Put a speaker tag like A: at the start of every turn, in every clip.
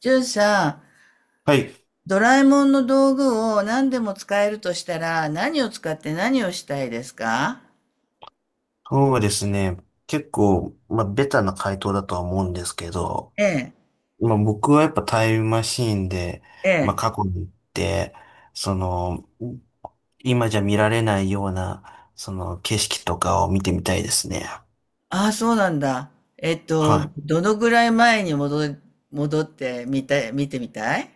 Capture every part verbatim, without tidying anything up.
A: じュンさ
B: はい。
A: ん、ドラえもんの道具を何でも使えるとしたら、何を使って何をしたいですか？
B: そうですね。結構、まあ、ベタな回答だとは思うんですけど、
A: ええ、
B: まあ、僕はやっぱタイムマシーンで、
A: え
B: まあ、
A: え。
B: 過去に行って、その、今じゃ見られないような、その、景色とかを見てみたいですね。
A: ああ、そうなんだ。えっと、
B: はい。
A: どのぐらい前に戻り、戻ってみたい、見てみたい？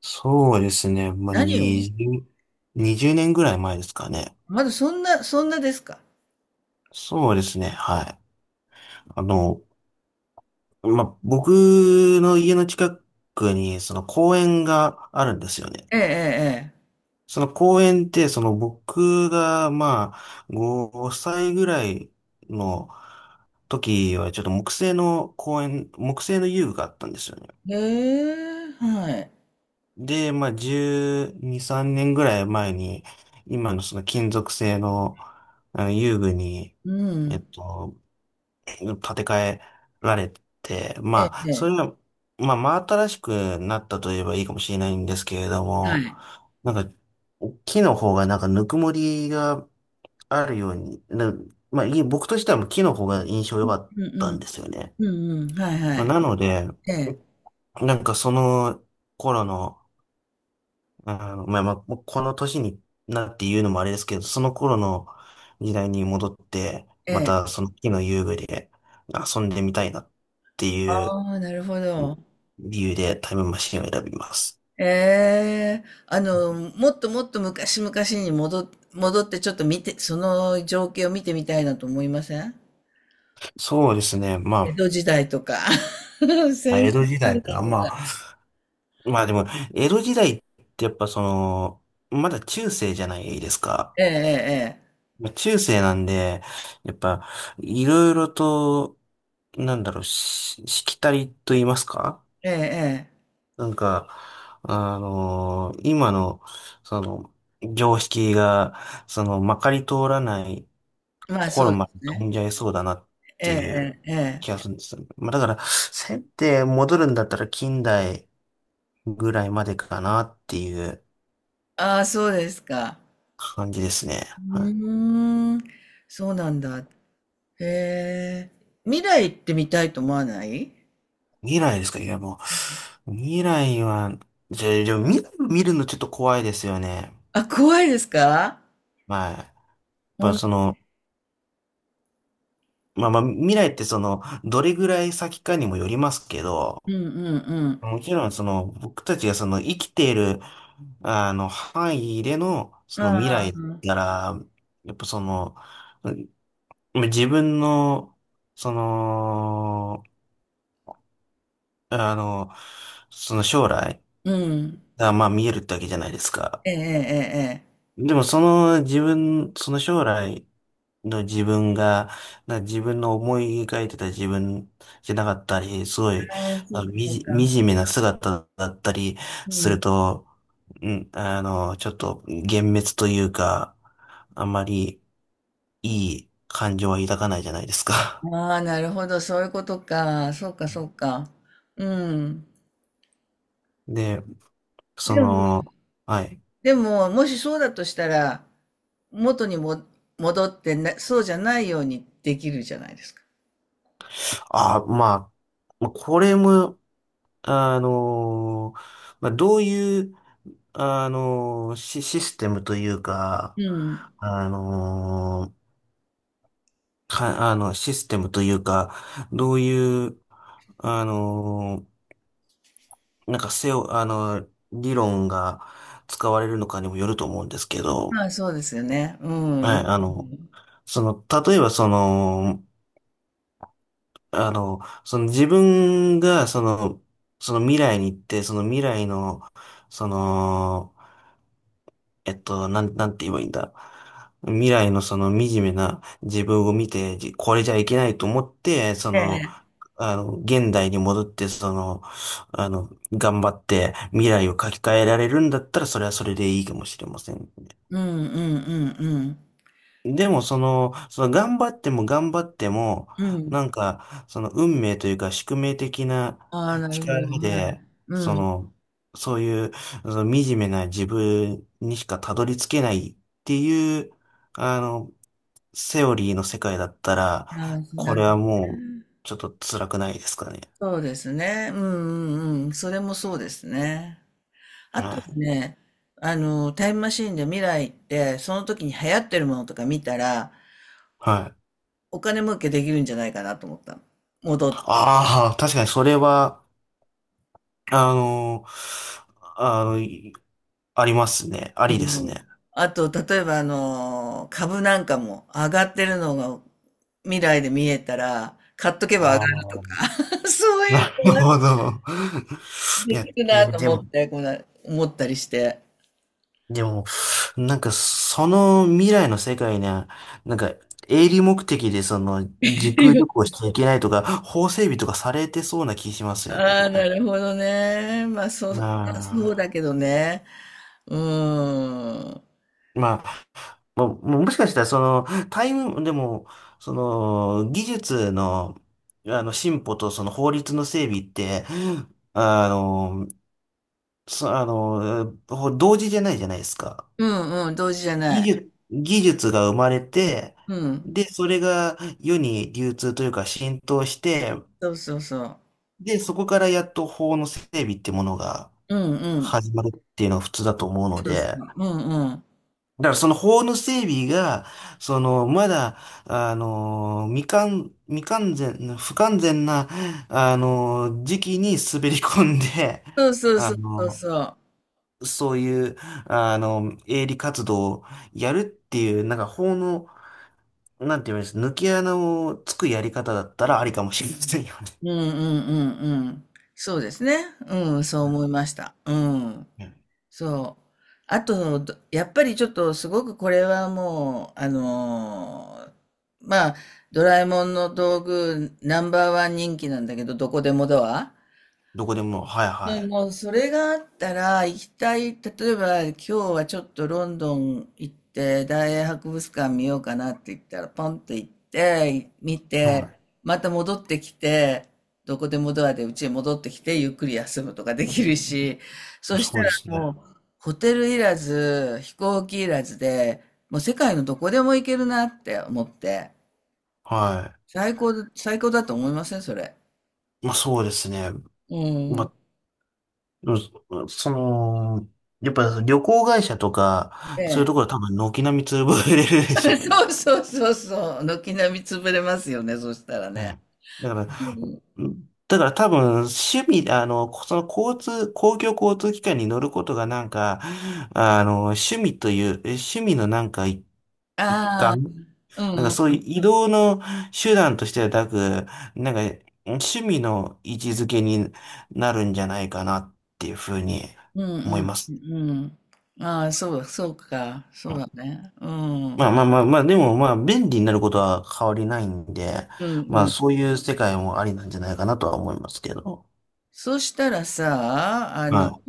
B: そうですね。まあ、
A: 何を？
B: にじゅう、にじゅうねんぐらい前ですかね。
A: まだそんな、そんなですか？
B: そうですね。はい。あの、まあ、僕の家の近くに、その公園があるんですよね。
A: ええ、
B: その公園って、その僕が、まあ、ごさいぐらいの時は、ちょっと木製の公園、木製の遊具があったんですよね。
A: ええ、ええ。ええ、はい。
B: で、まあ、じゅうに、さんねんぐらい前に、今のその金属製の、あの遊具に、
A: う
B: えっ
A: ん。
B: と、建て替えられて、
A: え
B: ま
A: え、
B: あ、
A: え
B: それ
A: え。
B: が、まあ、真新しくなったといえばいいかもしれないんですけれど
A: は
B: も、
A: い。
B: なんか、木の方がなんかぬくもりがあるように、な、まあ、い僕としてはもうキノが印象良かっ
A: うんう
B: たん
A: ん。
B: ですよね。
A: うんうん。はいは
B: まあ、
A: い。
B: なので、
A: ええ、
B: なんかその頃の、あの、まあまあ、もうこの年になって言うのもあれですけど、その頃の時代に戻って、
A: え
B: ま
A: え。
B: たその木の遊具で遊んでみたいなっていう
A: ああ、なるほど。
B: 理由でタイムマシンを選びます。
A: ええ、あの、もっともっと昔々に戻、戻ってちょっと見て、その情景を見てみたいなと思いません？
B: そうですね。
A: 江
B: ま
A: 戸時代とか、
B: あ、
A: 戦
B: 江戸
A: 国
B: 時
A: 時
B: 代か。
A: 代と
B: まあ、
A: か。
B: まあでも、江戸時代ってやっぱその、まだ中世じゃないですか。
A: ええ
B: まあ中世なんで、やっぱ、いろいろと、なんだろう、し、しきたりと言いますか、
A: えええええ
B: なんか、あのー今の、その、常識が、その、まかり通らない
A: え、まあそ
B: 頃
A: うで
B: まで
A: す
B: 飛
A: ね。
B: んじゃいそうだなっ
A: え
B: ていう
A: えええええ。
B: 気がするんですよね。まあ、だから、せって戻るんだったら近代ぐらいまでかなっていう
A: ああ、そうですか。
B: 感じですね。
A: う
B: はい。
A: ーん、そうなんだ。へえ。未来行ってみたいと思わない？
B: 未来ですか。いや、もう、未来は、じゃあ、でも未来を見るのちょっと怖いですよね。
A: あ、怖いですか？
B: はい。まあ、その、まあまあ、未来ってその、どれぐらい先かにもよりますけど、
A: うんうん
B: もちろんその、僕たちがその、生きている、あの、範囲での、
A: う
B: その
A: ん。
B: 未
A: ああ、
B: 来なら、やっぱその、うん、自分の、その、あの、その将来
A: うん。
B: が、まあ見えるってわけじゃないですか。
A: ええええええ。
B: でもその自分、その将来の自分が、な自分の思い描いてた自分じゃなかったり、すごい、
A: ああ、そ
B: ま
A: う
B: あ、
A: か、
B: み
A: そう
B: じ、
A: か。
B: 惨めな姿だったり
A: う
B: する
A: ん。
B: と、うん、あの、ちょっと幻滅というか、あんまりいい感情は抱かないじゃないですか。
A: ああ、なるほど、そういうことか。そうか、そうか。うん。
B: で、そ
A: でも、
B: の、はい。
A: でも、もしそうだとしたら、元にも戻ってな、そうじゃないようにできるじゃないですか。
B: あ、まあ、まあこれも、あの、まあ、どういう、あの、シ、システムというか、
A: うん。
B: あの、か、あの、システムというか、どういう、あの、なんかセオ、あの、理論が使われるのかにもよると思うんですけど、
A: まあ、そうですよね。うん。う
B: はい、
A: ん。
B: あの、その、例えばその、あの、その自分が、その、その未来に行って、その未来の、その、えっと、なん、なんて言えばいいんだ。未来のその惨めな自分を見て、じこれじゃいけないと思って、そ
A: え
B: の、
A: え。
B: あの、現代に戻って、その、あの、頑張って未来を書き換えられるんだったら、それはそれでいいかもしれませんね。
A: うん、うん、うん、
B: でも、その、その頑張っても頑張っても、
A: うん。うん。
B: なんか、その運命というか宿命的な
A: ああ、なるほど。
B: 力
A: はい。
B: で、
A: う
B: そ
A: ん。
B: の、そういう、その惨めな自分にしかたどり着けないっていう、あの、セオリーの世界だった
A: ああ、
B: ら、こ
A: な
B: れ
A: るほ
B: は
A: ど。
B: もう、ちょっと辛くないですかね。
A: そうですね。うん、うん、うん。それもそうですね。あと
B: は
A: は
B: い。
A: ね、あの、タイムマシーンで未来行って、その時に流行ってるものとか見たら、
B: はい。
A: お金儲けできるんじゃないかなと思ったの。戻って。
B: ああ、確かにそれは、あの、あの、いありますね。あ
A: う
B: りですね。
A: ん。あと、例えば、あの、株なんかも上がってるのが未来で見えたら、買っとけば上
B: あ
A: がると
B: あ。
A: か、そう いう
B: な
A: の
B: る
A: が
B: ほど。い
A: で
B: や、
A: きる
B: で、
A: なと
B: で
A: 思っ
B: も、
A: て、こんな思ったりして。
B: でも、なんか、その未来の世界には、なんか、営利目的で、その、時空旅行 しちゃいけないとか、法整備とかされてそうな気しますよ
A: あ
B: ね。
A: あ、
B: あ
A: なるほどね。まあ、そう、まあ、そう
B: あ。
A: だけどね。うーん。
B: まあ、も、ももしかしたら、その、タイム、でも、その、技術の、あの、進歩と、その、法律の整備って、あの、そ、あの、ほ同時じゃないじゃないですか。
A: うんうん、同時じゃ
B: 技
A: ない。
B: 術、技術が生まれて、
A: うん。
B: で、それが世に流通というか浸透して、
A: そうそうそう。
B: で、そこからやっと法の整備ってものが
A: うんうん。
B: 始まるっていうのが普通だと思うの
A: そうそ
B: で、
A: う。うんうん。
B: だからその法の整備が、その、まだ、あの、未完、未完全、不完全な、あの、時期に滑り込んで、
A: そうそう
B: あ
A: そうそう
B: の、
A: そう。
B: そういう、あの、営利活動をやるっていう、なんか法の、なんて言うんです、抜け穴をつくやり方だったらありかもしれませんよね。
A: うんうんうんうんうん。そうですね。うん、そう思いました。うん。
B: うん。
A: そう。あと、どやっぱりちょっとすごくこれはもう、あのーまあ、ドラえもんの道具ナンバーワン人気なんだけど、どこでもドア。
B: どこでも、はい
A: で
B: は
A: もうそれがあったら行きたい、例えば今日はちょっとロンドン行って大英博物館見ようかなって言ったらポンって行って見
B: い。は
A: てまた戻ってきて、どこでもドアでうちへ戻ってきてゆっくり休むとかできるし、そ
B: い。
A: した
B: そう
A: ら
B: です
A: も
B: ね。
A: うホテルいらず飛行機いらずで、もう世界のどこでも行けるなって思って、
B: は
A: 最高、最高だと思いませんそれ？
B: い。まあそうですね。
A: う
B: ま
A: ん。
B: あ、うん、その、やっぱ旅行会社と
A: え
B: か、そういうと
A: え。
B: ころは多分軒並み潰れる でしょうね。
A: そうそうそうそう。軒並み潰れますよね、そしたら
B: う
A: ね。
B: んだから、うんだから多分趣味、あの、その交通、公共交通機関に乗ることがなんか、あの、趣味という、え趣味のなんか一一
A: あ
B: 環、
A: あ
B: なんか
A: ー、
B: そう
A: う
B: い
A: ん
B: う移動の手段としてはなく、なんか趣味の位置づけになるんじゃないかなっていうふうに
A: うん。
B: 思
A: う
B: い
A: ん
B: ます。
A: うん。うん。ああ、そう、そうか。そうだね。うん。う
B: ま
A: ん
B: あまあまあまあ、でもまあ便利になることは変わりないんで、
A: う
B: まあ
A: ん。
B: そういう世界もありなんじゃないかなとは思いますけど。
A: そしたらさ、あの、
B: は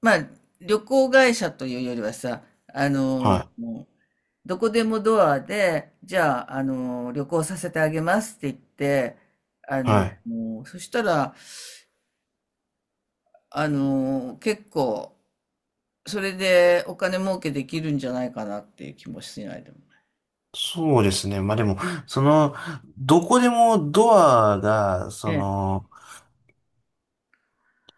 A: まあ、旅行会社というよりはさ、あ
B: い、
A: の、
B: は
A: どこでもドアで、じゃあ、あの、旅行させてあげますって言って、
B: い、はい。
A: もう、そしたら、あの、結構、それでお金儲けできるんじゃないかなっていう気もしないでもな
B: そうですね。まあでも、その、どこでもドアが、
A: い
B: そ
A: ね。
B: の、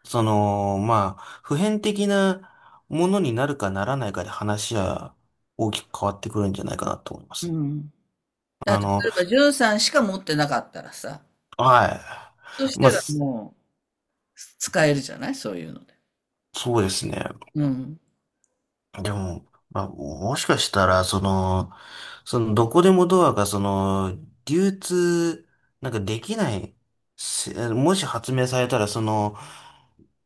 B: その、まあ、普遍的なものになるかならないかで話は大きく変わってくるんじゃないかなと思いま
A: えう
B: す。
A: ん。だ
B: あ
A: から例
B: の、
A: えば、ジュさんしか持ってなかったらさ、
B: は
A: そし
B: い。まあ、
A: たら
B: そ
A: もう使えるじゃない、そういうので。
B: そうですね。
A: うん。
B: でも、まあ、もしかしたら、その、その、どこでもドアが、その、流通、なんかできない、せもし発明されたら、その、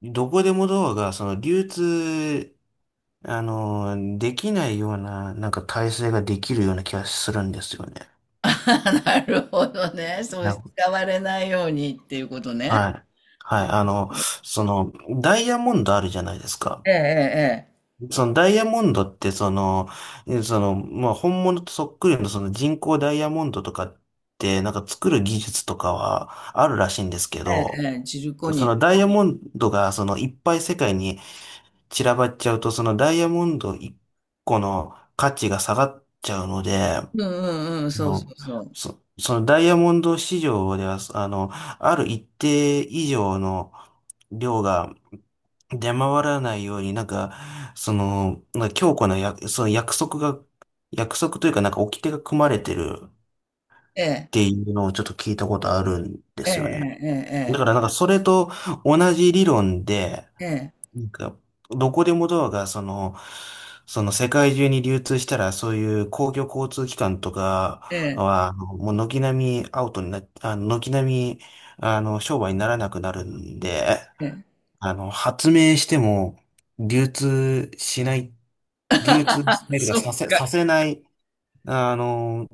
B: どこでもドアが、その、流通、あの、できないような、なんか体制ができるような気がするんですよね。
A: あなるほどね。そう
B: な、
A: 使われないようにっていうことね。
B: はい。はい。あの、その、ダイヤモンドあるじゃないですか。
A: ええ、
B: そのダイヤモンドって、その、えその、まあ、本物とそっくりのその人工ダイヤモンドとかって、なんか作る技術とかはあるらしいんですけ
A: ええ、え
B: ど、
A: え、ええ、ジルコ
B: そ
A: ニア
B: の
A: ね。
B: ダイヤモンドが、その、いっぱい世界に散らばっちゃうと、そのダイヤモンドいっこの価値が下がっちゃうので、
A: うんうんうん、
B: あ
A: そうそう
B: の、
A: そう。
B: そ、そのダイヤモンド市場では、あの、ある一定以上の量が出回らないように、なんか、その、なんか強固なや、その約束が、約束というか、なんか掟が組まれてるっ
A: ええ、
B: ていうのをちょっと聞いたことあるんで
A: え
B: すよね。
A: え、
B: だからなんかそれと同じ理論で、
A: ええ、ええ、ええ、
B: なんか、どこでもドアが、その、その世界中に流通したら、そういう公共交通機関とか
A: ええ。
B: は、あのもう軒並みアウトになっ、あの、軒並み、あの、商売にならなくなるんで、あの、発明しても、流通しない、流通
A: あ、
B: しないという
A: そ
B: か、
A: う
B: させ、
A: か。
B: させない、あの、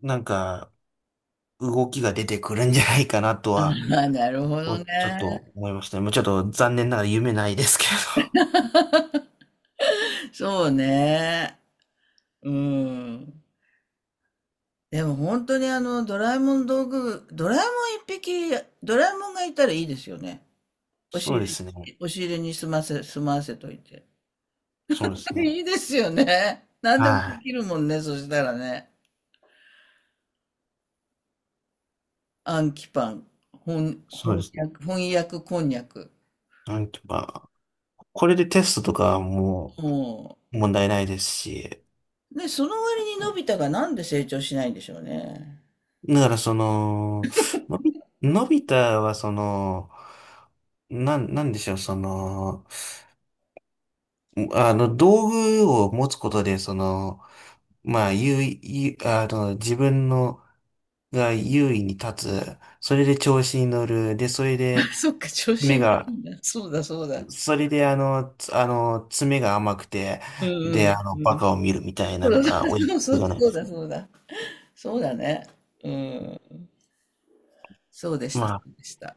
B: なんか、動きが出てくるんじゃないかなと
A: あ
B: は、
A: あ、なるほど
B: おちょっ
A: ね。
B: と思いましたね。もうちょっと残念ながら夢ないですけど。
A: そうね。うん。でも本当にあの、ドラえもん道具、ドラえもん一匹、ドラえもんがいたらいいですよね。押し
B: そう
A: 入
B: で
A: れ、
B: すね。
A: 押し入れに済ませ、済まわせといて。
B: そうです ね。
A: いいですよね。何でも
B: は
A: で
B: い。
A: きるもんね、そしたらね。暗記パン、翻、
B: そう
A: 翻
B: ですね。
A: 訳、翻訳こんにゃく。
B: なんていうか、これでテストとかはも
A: も
B: う問題ないですし、
A: う、ね、その割にのび太がなんで成長しないんでしょうね。
B: だからその、のび、のび太はその、なん、なんでしょう、その、あの、道具を持つことで、その、まあ、優位、優あの、自分の、が優位に立つ、それで調子に乗る、で、それ
A: あ
B: で、
A: そっか、調子
B: 目
A: に乗る
B: が
A: んだ。そうだ、そうだ。
B: それで、あの、つあの、爪が甘くて、
A: うんう
B: で、あ
A: ん
B: の、
A: う
B: バ
A: ん。
B: カを見るみたい
A: そ
B: な
A: う
B: の
A: だ、
B: が親
A: そ
B: 子
A: う
B: じゃ
A: そう
B: ない
A: そ
B: で
A: う
B: すか。
A: だ、そうだ。そうだね。うん。そうでし
B: ま
A: た、そ
B: あ
A: うでした。